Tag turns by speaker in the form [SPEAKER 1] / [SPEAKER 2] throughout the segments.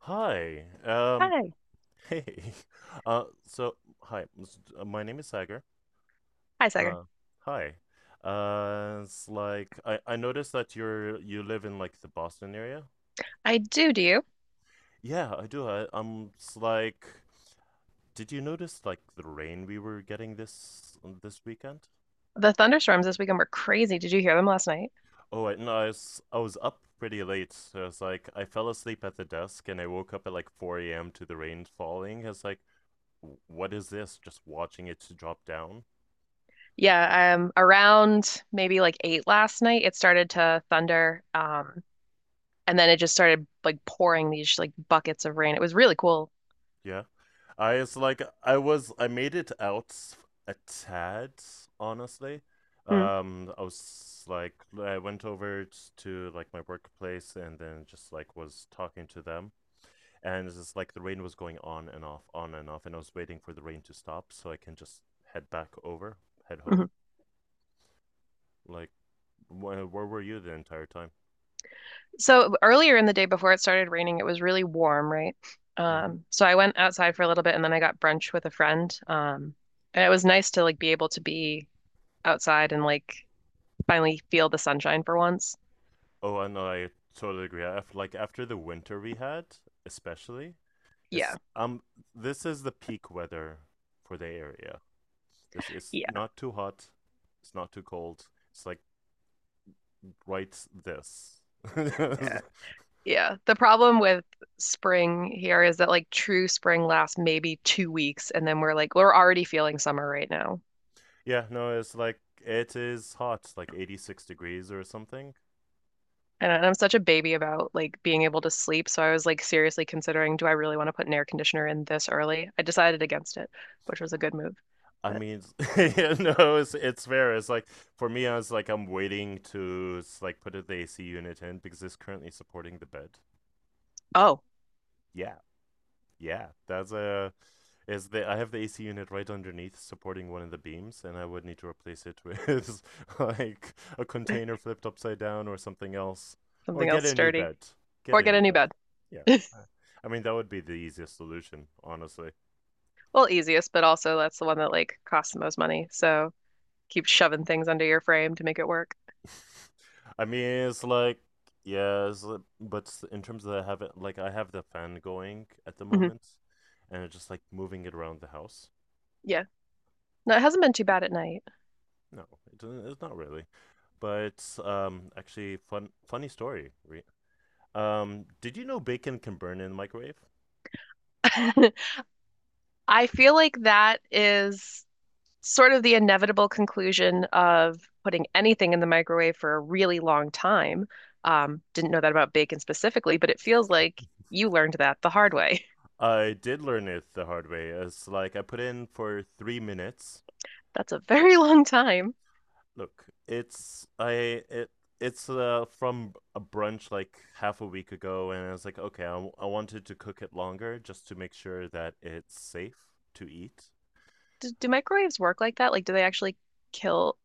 [SPEAKER 1] Hi.
[SPEAKER 2] Hi.
[SPEAKER 1] Hey. Uh, so, hi. My name is Sagar.
[SPEAKER 2] Hi, Sagar.
[SPEAKER 1] Uh, hi. It's like I noticed that you live in like the Boston area.
[SPEAKER 2] I do, do you?
[SPEAKER 1] Yeah, I do. I, I'm. It's like, did you notice like the rain we were getting this this weekend?
[SPEAKER 2] The thunderstorms this weekend were crazy. Did you hear them last night?
[SPEAKER 1] Oh, no, I was up pretty late. So it's like I fell asleep at the desk and I woke up at like 4 a.m. to the rain falling. It's like, "W- what is this?" Just watching it to drop down.
[SPEAKER 2] Yeah, Around maybe like eight last night, it started to thunder, and then it just started like pouring these like buckets of rain. It was really cool.
[SPEAKER 1] Yeah. I was like I was I made it out a tad, honestly.
[SPEAKER 2] Mm,
[SPEAKER 1] I was like I went over to like my workplace and then just like was talking to them, and it's just like the rain was going on and off, on and off, and I was waiting for the rain to stop so I can just head back over, head home.
[SPEAKER 2] mhm.
[SPEAKER 1] Like wh where were you the entire time?
[SPEAKER 2] So earlier in the day before it started raining, it was really warm, right?
[SPEAKER 1] hmm
[SPEAKER 2] So I went outside for a little bit and then I got brunch with a friend. And it was nice to like be able to be outside and like finally feel the sunshine for once.
[SPEAKER 1] Oh, I know, I totally agree. After the winter we had, especially.
[SPEAKER 2] Yeah.
[SPEAKER 1] It's This is the peak weather for the area. This is
[SPEAKER 2] Yeah.
[SPEAKER 1] not too hot, it's not too cold. It's like right this.
[SPEAKER 2] Yeah. Yeah. The problem with spring here is that like true spring lasts maybe 2 weeks and then we're already feeling summer right now.
[SPEAKER 1] Yeah, no, it's like it is hot, like 86 degrees or something.
[SPEAKER 2] And I'm such a baby about like being able to sleep, so I was like seriously considering, do I really want to put an air conditioner in this early? I decided against it, which was a good move.
[SPEAKER 1] I
[SPEAKER 2] But
[SPEAKER 1] mean, yeah. No, it's fair. It's like for me, I was like I'm waiting to like put the AC unit in because it's currently supporting the bed.
[SPEAKER 2] oh,
[SPEAKER 1] Yeah. Yeah, that's a is the I have the AC unit right underneath supporting one of the beams, and I would need to replace it with like a container flipped upside down or something else, or
[SPEAKER 2] something
[SPEAKER 1] get
[SPEAKER 2] else
[SPEAKER 1] a new
[SPEAKER 2] sturdy.
[SPEAKER 1] bed. Get
[SPEAKER 2] Or
[SPEAKER 1] a
[SPEAKER 2] get a
[SPEAKER 1] new
[SPEAKER 2] new
[SPEAKER 1] bed.
[SPEAKER 2] bed.
[SPEAKER 1] Yeah. Uh, I mean, that would be the easiest solution, honestly.
[SPEAKER 2] Well, easiest, but also that's the one that like costs the most money. So keep shoving things under your frame to make it work.
[SPEAKER 1] I mean, it's like yeah, it's like- but s- in terms of I have the fan going at the
[SPEAKER 2] Hmm.
[SPEAKER 1] moment, and it's just like moving it around the house.
[SPEAKER 2] Yeah. No, it hasn't been too bad at night.
[SPEAKER 1] No, it's not really. But actually, funny story. Did you know bacon can burn in the microwave?
[SPEAKER 2] I feel like that is sort of the inevitable conclusion of putting anything in the microwave for a really long time. Didn't know that about bacon specifically, but it feels like you learned that the hard way.
[SPEAKER 1] I did learn it the hard way. It's like I put in for 3 minutes.
[SPEAKER 2] That's a very long time.
[SPEAKER 1] Look, it's I it it's from a brunch like half a week ago, and I was like, okay, I wanted to cook it longer just to make sure that it's safe to eat.
[SPEAKER 2] Do microwaves work like that? Like, do they actually kill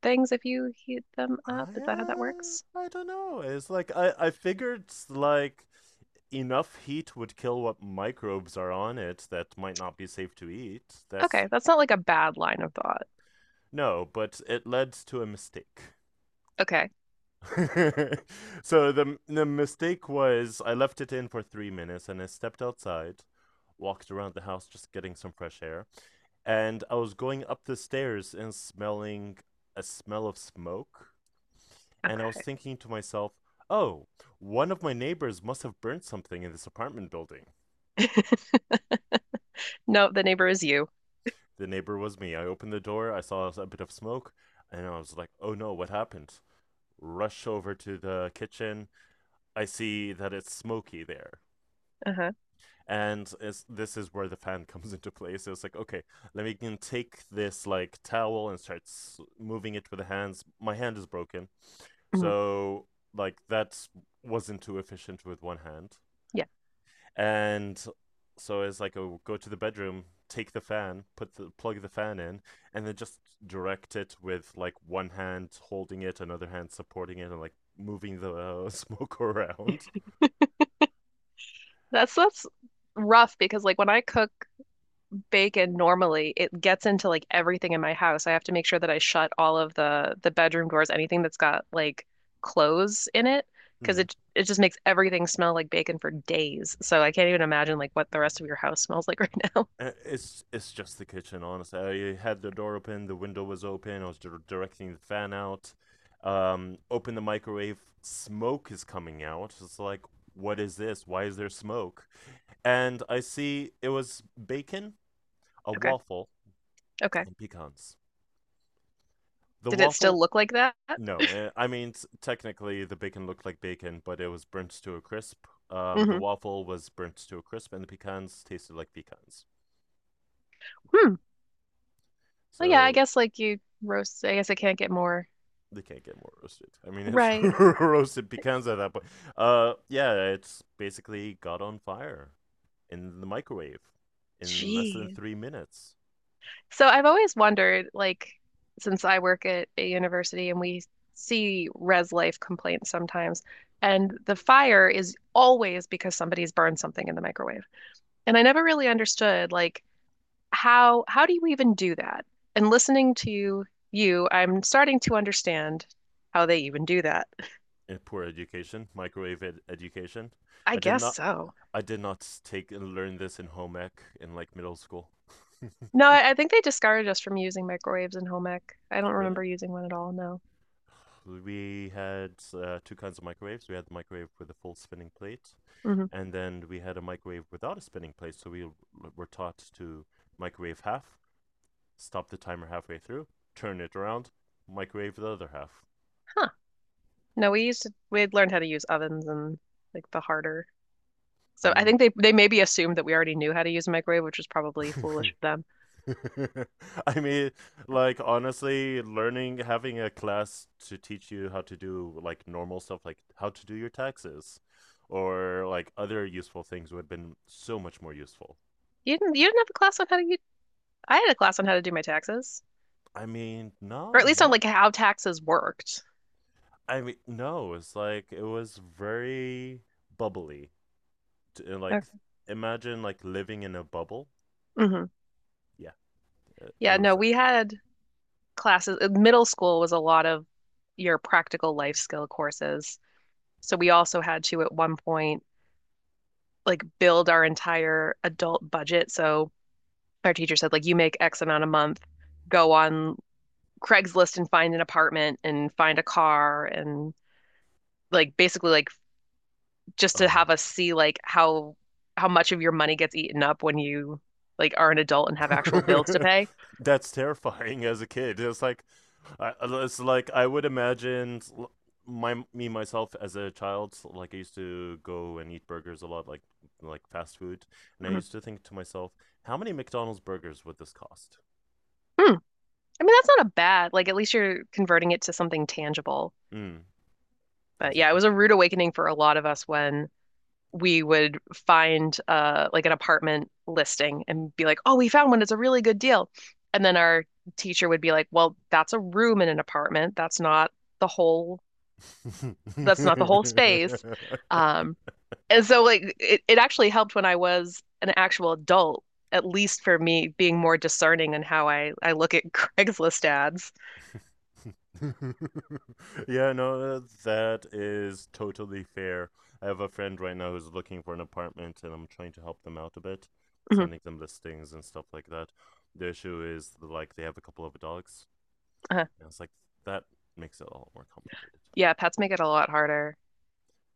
[SPEAKER 2] things if you heat them up? Is that how that works?
[SPEAKER 1] I don't know. It's like I figured like enough heat would kill what microbes are on it that might not be safe to eat. That's
[SPEAKER 2] Okay, that's not like a bad line of thought.
[SPEAKER 1] No, but it led to a mistake.
[SPEAKER 2] Okay,
[SPEAKER 1] So the mistake was I left it in for 3 minutes and I stepped outside, walked around the house just getting some fresh air, and I was going up the stairs and smelling a smell of smoke, and I was
[SPEAKER 2] okay.
[SPEAKER 1] thinking to myself, "Oh, one of my neighbors must have burnt something in this apartment building."
[SPEAKER 2] No, the neighbor is you.
[SPEAKER 1] The neighbor was me. I opened the door, I saw a bit of smoke, and I was like, oh no, what happened? Rush over to the kitchen. I see that it's smoky there.
[SPEAKER 2] Uh-huh.
[SPEAKER 1] And this is where the fan comes into play. So it's like, okay, let me can take this like towel and start moving it with the hands. My hand is broken.
[SPEAKER 2] Mhm.
[SPEAKER 1] So, like, that wasn't too efficient with one hand.
[SPEAKER 2] Yeah.
[SPEAKER 1] And so it's like, oh, go to the bedroom, take the fan, put the plug the fan in, and then just direct it with like one hand holding it, another hand supporting it, and like moving the smoke around.
[SPEAKER 2] That's rough because like when I cook bacon normally, it gets into like everything in my house. I have to make sure that I shut all of the bedroom doors, anything that's got like clothes in it, because
[SPEAKER 1] mm.
[SPEAKER 2] it just makes everything smell like bacon for days. So I can't even imagine like what the rest of your house smells like right now.
[SPEAKER 1] It's just the kitchen, honestly. I had the door open, the window was open, I was directing the fan out. Open the microwave, smoke is coming out. It's like, what is this, why is there smoke? And I see it was bacon, a
[SPEAKER 2] Okay.
[SPEAKER 1] waffle,
[SPEAKER 2] Okay.
[SPEAKER 1] and pecans. The
[SPEAKER 2] Did it still
[SPEAKER 1] waffle,
[SPEAKER 2] look like that?
[SPEAKER 1] no. I mean, technically, the bacon looked like bacon, but it was burnt to a crisp. The
[SPEAKER 2] Mm-hmm.
[SPEAKER 1] waffle was burnt to a crisp, and the pecans tasted like pecans.
[SPEAKER 2] Hmm. Well, yeah, I
[SPEAKER 1] So
[SPEAKER 2] guess like you roast, I guess I can't get more.
[SPEAKER 1] they can't get more roasted. I mean, it's
[SPEAKER 2] Right.
[SPEAKER 1] roasted pecans at that point. Yeah, it's basically got on fire in the microwave in less than
[SPEAKER 2] Jeez.
[SPEAKER 1] 3 minutes.
[SPEAKER 2] So I've always wondered, like, since I work at a university and we see res life complaints sometimes, and the fire is always because somebody's burned something in the microwave. And I never really understood, like, how do you even do that? And listening to you, I'm starting to understand how they even do that.
[SPEAKER 1] Eh, poor education, microwave ed education.
[SPEAKER 2] I
[SPEAKER 1] I did
[SPEAKER 2] guess
[SPEAKER 1] not,
[SPEAKER 2] so.
[SPEAKER 1] I did not take and learn this in home ec in like middle school.
[SPEAKER 2] No, I think they discouraged us from using microwaves in home ec. I don't
[SPEAKER 1] Really?
[SPEAKER 2] remember using one at all, no.
[SPEAKER 1] We had two kinds of microwaves. We had the microwave with a full spinning plate,
[SPEAKER 2] Hmm.
[SPEAKER 1] and then we had a microwave without a spinning plate. So we were taught to microwave half, stop the timer halfway through, turn it around, microwave the other half.
[SPEAKER 2] Huh. No, we used to, We had learned how to use ovens and like the harder.
[SPEAKER 1] I
[SPEAKER 2] So I
[SPEAKER 1] mean,
[SPEAKER 2] think they maybe assumed that we already knew how to use a microwave, which was probably foolish of them.
[SPEAKER 1] I mean, like honestly, learning having a class to teach you how to do like normal stuff, like how to do your taxes, or like other useful things would have been so much more useful.
[SPEAKER 2] You didn't have a class on how to use, I had a class on how to do my taxes,
[SPEAKER 1] I mean,
[SPEAKER 2] or at
[SPEAKER 1] no,
[SPEAKER 2] least on
[SPEAKER 1] no.
[SPEAKER 2] like how taxes worked.
[SPEAKER 1] I mean, no, it's like it was very bubbly.
[SPEAKER 2] Okay.
[SPEAKER 1] Like, imagine like living in a bubble.
[SPEAKER 2] Hmm.
[SPEAKER 1] Yeah, it
[SPEAKER 2] Yeah,
[SPEAKER 1] was
[SPEAKER 2] no,
[SPEAKER 1] that.
[SPEAKER 2] we had classes. Middle school was a lot of your practical life skill courses. So we also had to at one point like build our entire adult budget. So our teacher said, like, you make X amount a month, go on Craigslist and find an apartment and find a car, and like basically like just to
[SPEAKER 1] Oh,
[SPEAKER 2] have us see like how much of your money gets eaten up when you like are an adult and have actual bills to pay.
[SPEAKER 1] that's terrifying as a kid. It's like, it's like I would imagine my me myself as a child. Like I used to go and eat burgers a lot, like fast food, and I
[SPEAKER 2] Mhm.
[SPEAKER 1] used to think to myself, how many McDonald's burgers would this cost?
[SPEAKER 2] Hmm. I mean, that's not a bad, like at least you're converting it to something tangible.
[SPEAKER 1] Mm. I
[SPEAKER 2] But
[SPEAKER 1] was
[SPEAKER 2] yeah, it was a rude awakening for a lot of us when we would find like an apartment listing and be like, "Oh, we found one. It's a really good deal." And then our teacher would be like, "Well, that's a room in an apartment. That's not the whole, that's not the whole
[SPEAKER 1] like,
[SPEAKER 2] space. Um, and so like it actually helped when I was an actual adult, at least for me being more discerning in how I look at Craigslist ads.
[SPEAKER 1] yeah, no, that is totally fair. I have a friend right now who's looking for an apartment, and I'm trying to help them out a bit,
[SPEAKER 2] Mhm.
[SPEAKER 1] sending them listings and stuff like that. The issue is like they have a couple of dogs,
[SPEAKER 2] Uh-huh.
[SPEAKER 1] and it's like that makes it a lot more complicated.
[SPEAKER 2] Yeah, pets make it a lot harder.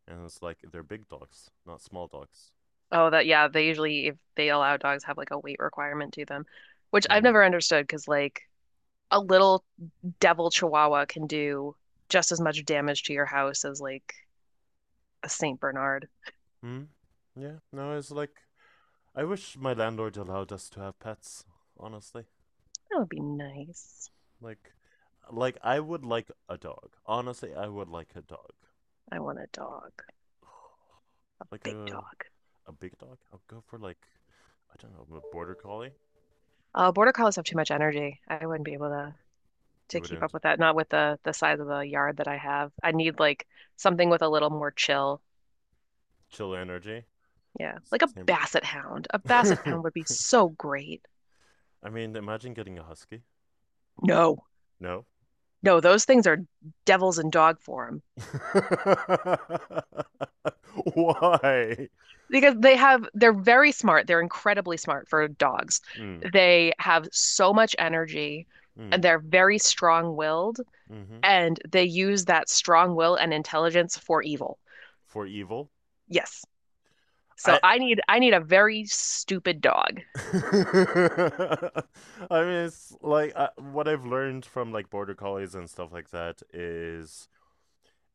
[SPEAKER 1] And it's like they're big dogs, not small dogs.
[SPEAKER 2] Oh, that, yeah, they usually if they allow dogs have like a weight requirement to them, which I've
[SPEAKER 1] Mm.
[SPEAKER 2] never understood because like a little devil chihuahua can do just as much damage to your house as like a Saint Bernard.
[SPEAKER 1] Hmm. Yeah. No, it's like I wish my landlord allowed us to have pets. Honestly.
[SPEAKER 2] That would be nice.
[SPEAKER 1] Like, like I would like a dog. Honestly, I would like a dog.
[SPEAKER 2] I want a dog,
[SPEAKER 1] Like
[SPEAKER 2] big dog.
[SPEAKER 1] a big dog. I'll go for like I don't know, a border collie.
[SPEAKER 2] Border collies have too much energy. I wouldn't be able to
[SPEAKER 1] You
[SPEAKER 2] keep up
[SPEAKER 1] wouldn't
[SPEAKER 2] with that. Not with the size of the yard that I have. I need like something with a little more chill.
[SPEAKER 1] chill energy.
[SPEAKER 2] Yeah, like a
[SPEAKER 1] Same.
[SPEAKER 2] basset hound. A basset hound would be so great.
[SPEAKER 1] I mean, imagine getting a husky.
[SPEAKER 2] No,
[SPEAKER 1] No.
[SPEAKER 2] no, those things are devils in dog form
[SPEAKER 1] Why?
[SPEAKER 2] because they have they're very smart. They're incredibly smart for dogs.
[SPEAKER 1] Mm,
[SPEAKER 2] They have so much energy and
[SPEAKER 1] mm,
[SPEAKER 2] they're very strong-willed
[SPEAKER 1] mm-hmm.
[SPEAKER 2] and they use that strong will and intelligence for evil.
[SPEAKER 1] For evil.
[SPEAKER 2] Yes.
[SPEAKER 1] I
[SPEAKER 2] So I need a very stupid dog.
[SPEAKER 1] I mean, it's like what I've learned from like border collies and stuff like that is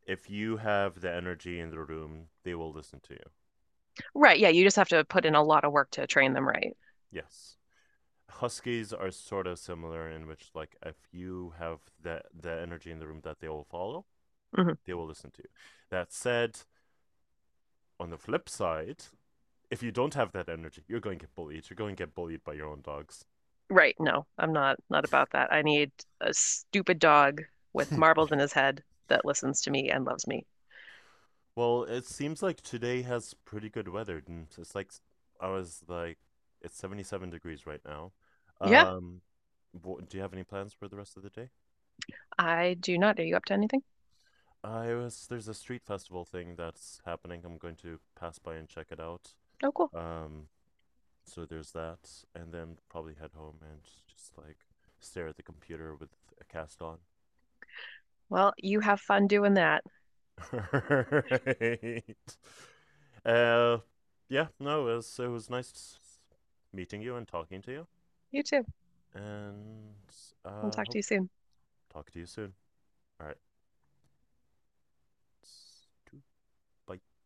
[SPEAKER 1] if you have the energy in the room, they will listen to you.
[SPEAKER 2] Right, yeah, you just have to put in a lot of work to train them right.
[SPEAKER 1] Yes. Huskies are sort of similar in which, like, if you have the energy in the room that they will follow,
[SPEAKER 2] Hmm.
[SPEAKER 1] they will listen to you. That said, on the flip side, if you don't have that energy, you're going to get bullied. You're going to get bullied by your own dogs.
[SPEAKER 2] Right, no, I'm not not about that. I need a stupid dog with marbles in his head that listens to me and loves me.
[SPEAKER 1] Well, it seems like today has pretty good weather. And It's like I was like, it's 77 degrees right now.
[SPEAKER 2] Yeah,
[SPEAKER 1] Um, do you have any plans for the rest of the day?
[SPEAKER 2] I do not. Are you up to anything?
[SPEAKER 1] I was There's a street festival thing that's happening. I'm going to pass by and check it out.
[SPEAKER 2] Oh, cool.
[SPEAKER 1] Um, so there's that, and then probably head home and just like stare at the computer with a cast on.
[SPEAKER 2] Well, you have fun doing that.
[SPEAKER 1] Right. Uh, yeah, no, it was nice meeting you and talking to you,
[SPEAKER 2] You too.
[SPEAKER 1] and
[SPEAKER 2] We'll talk
[SPEAKER 1] hope
[SPEAKER 2] to you soon.
[SPEAKER 1] talk to you soon. All right, bye.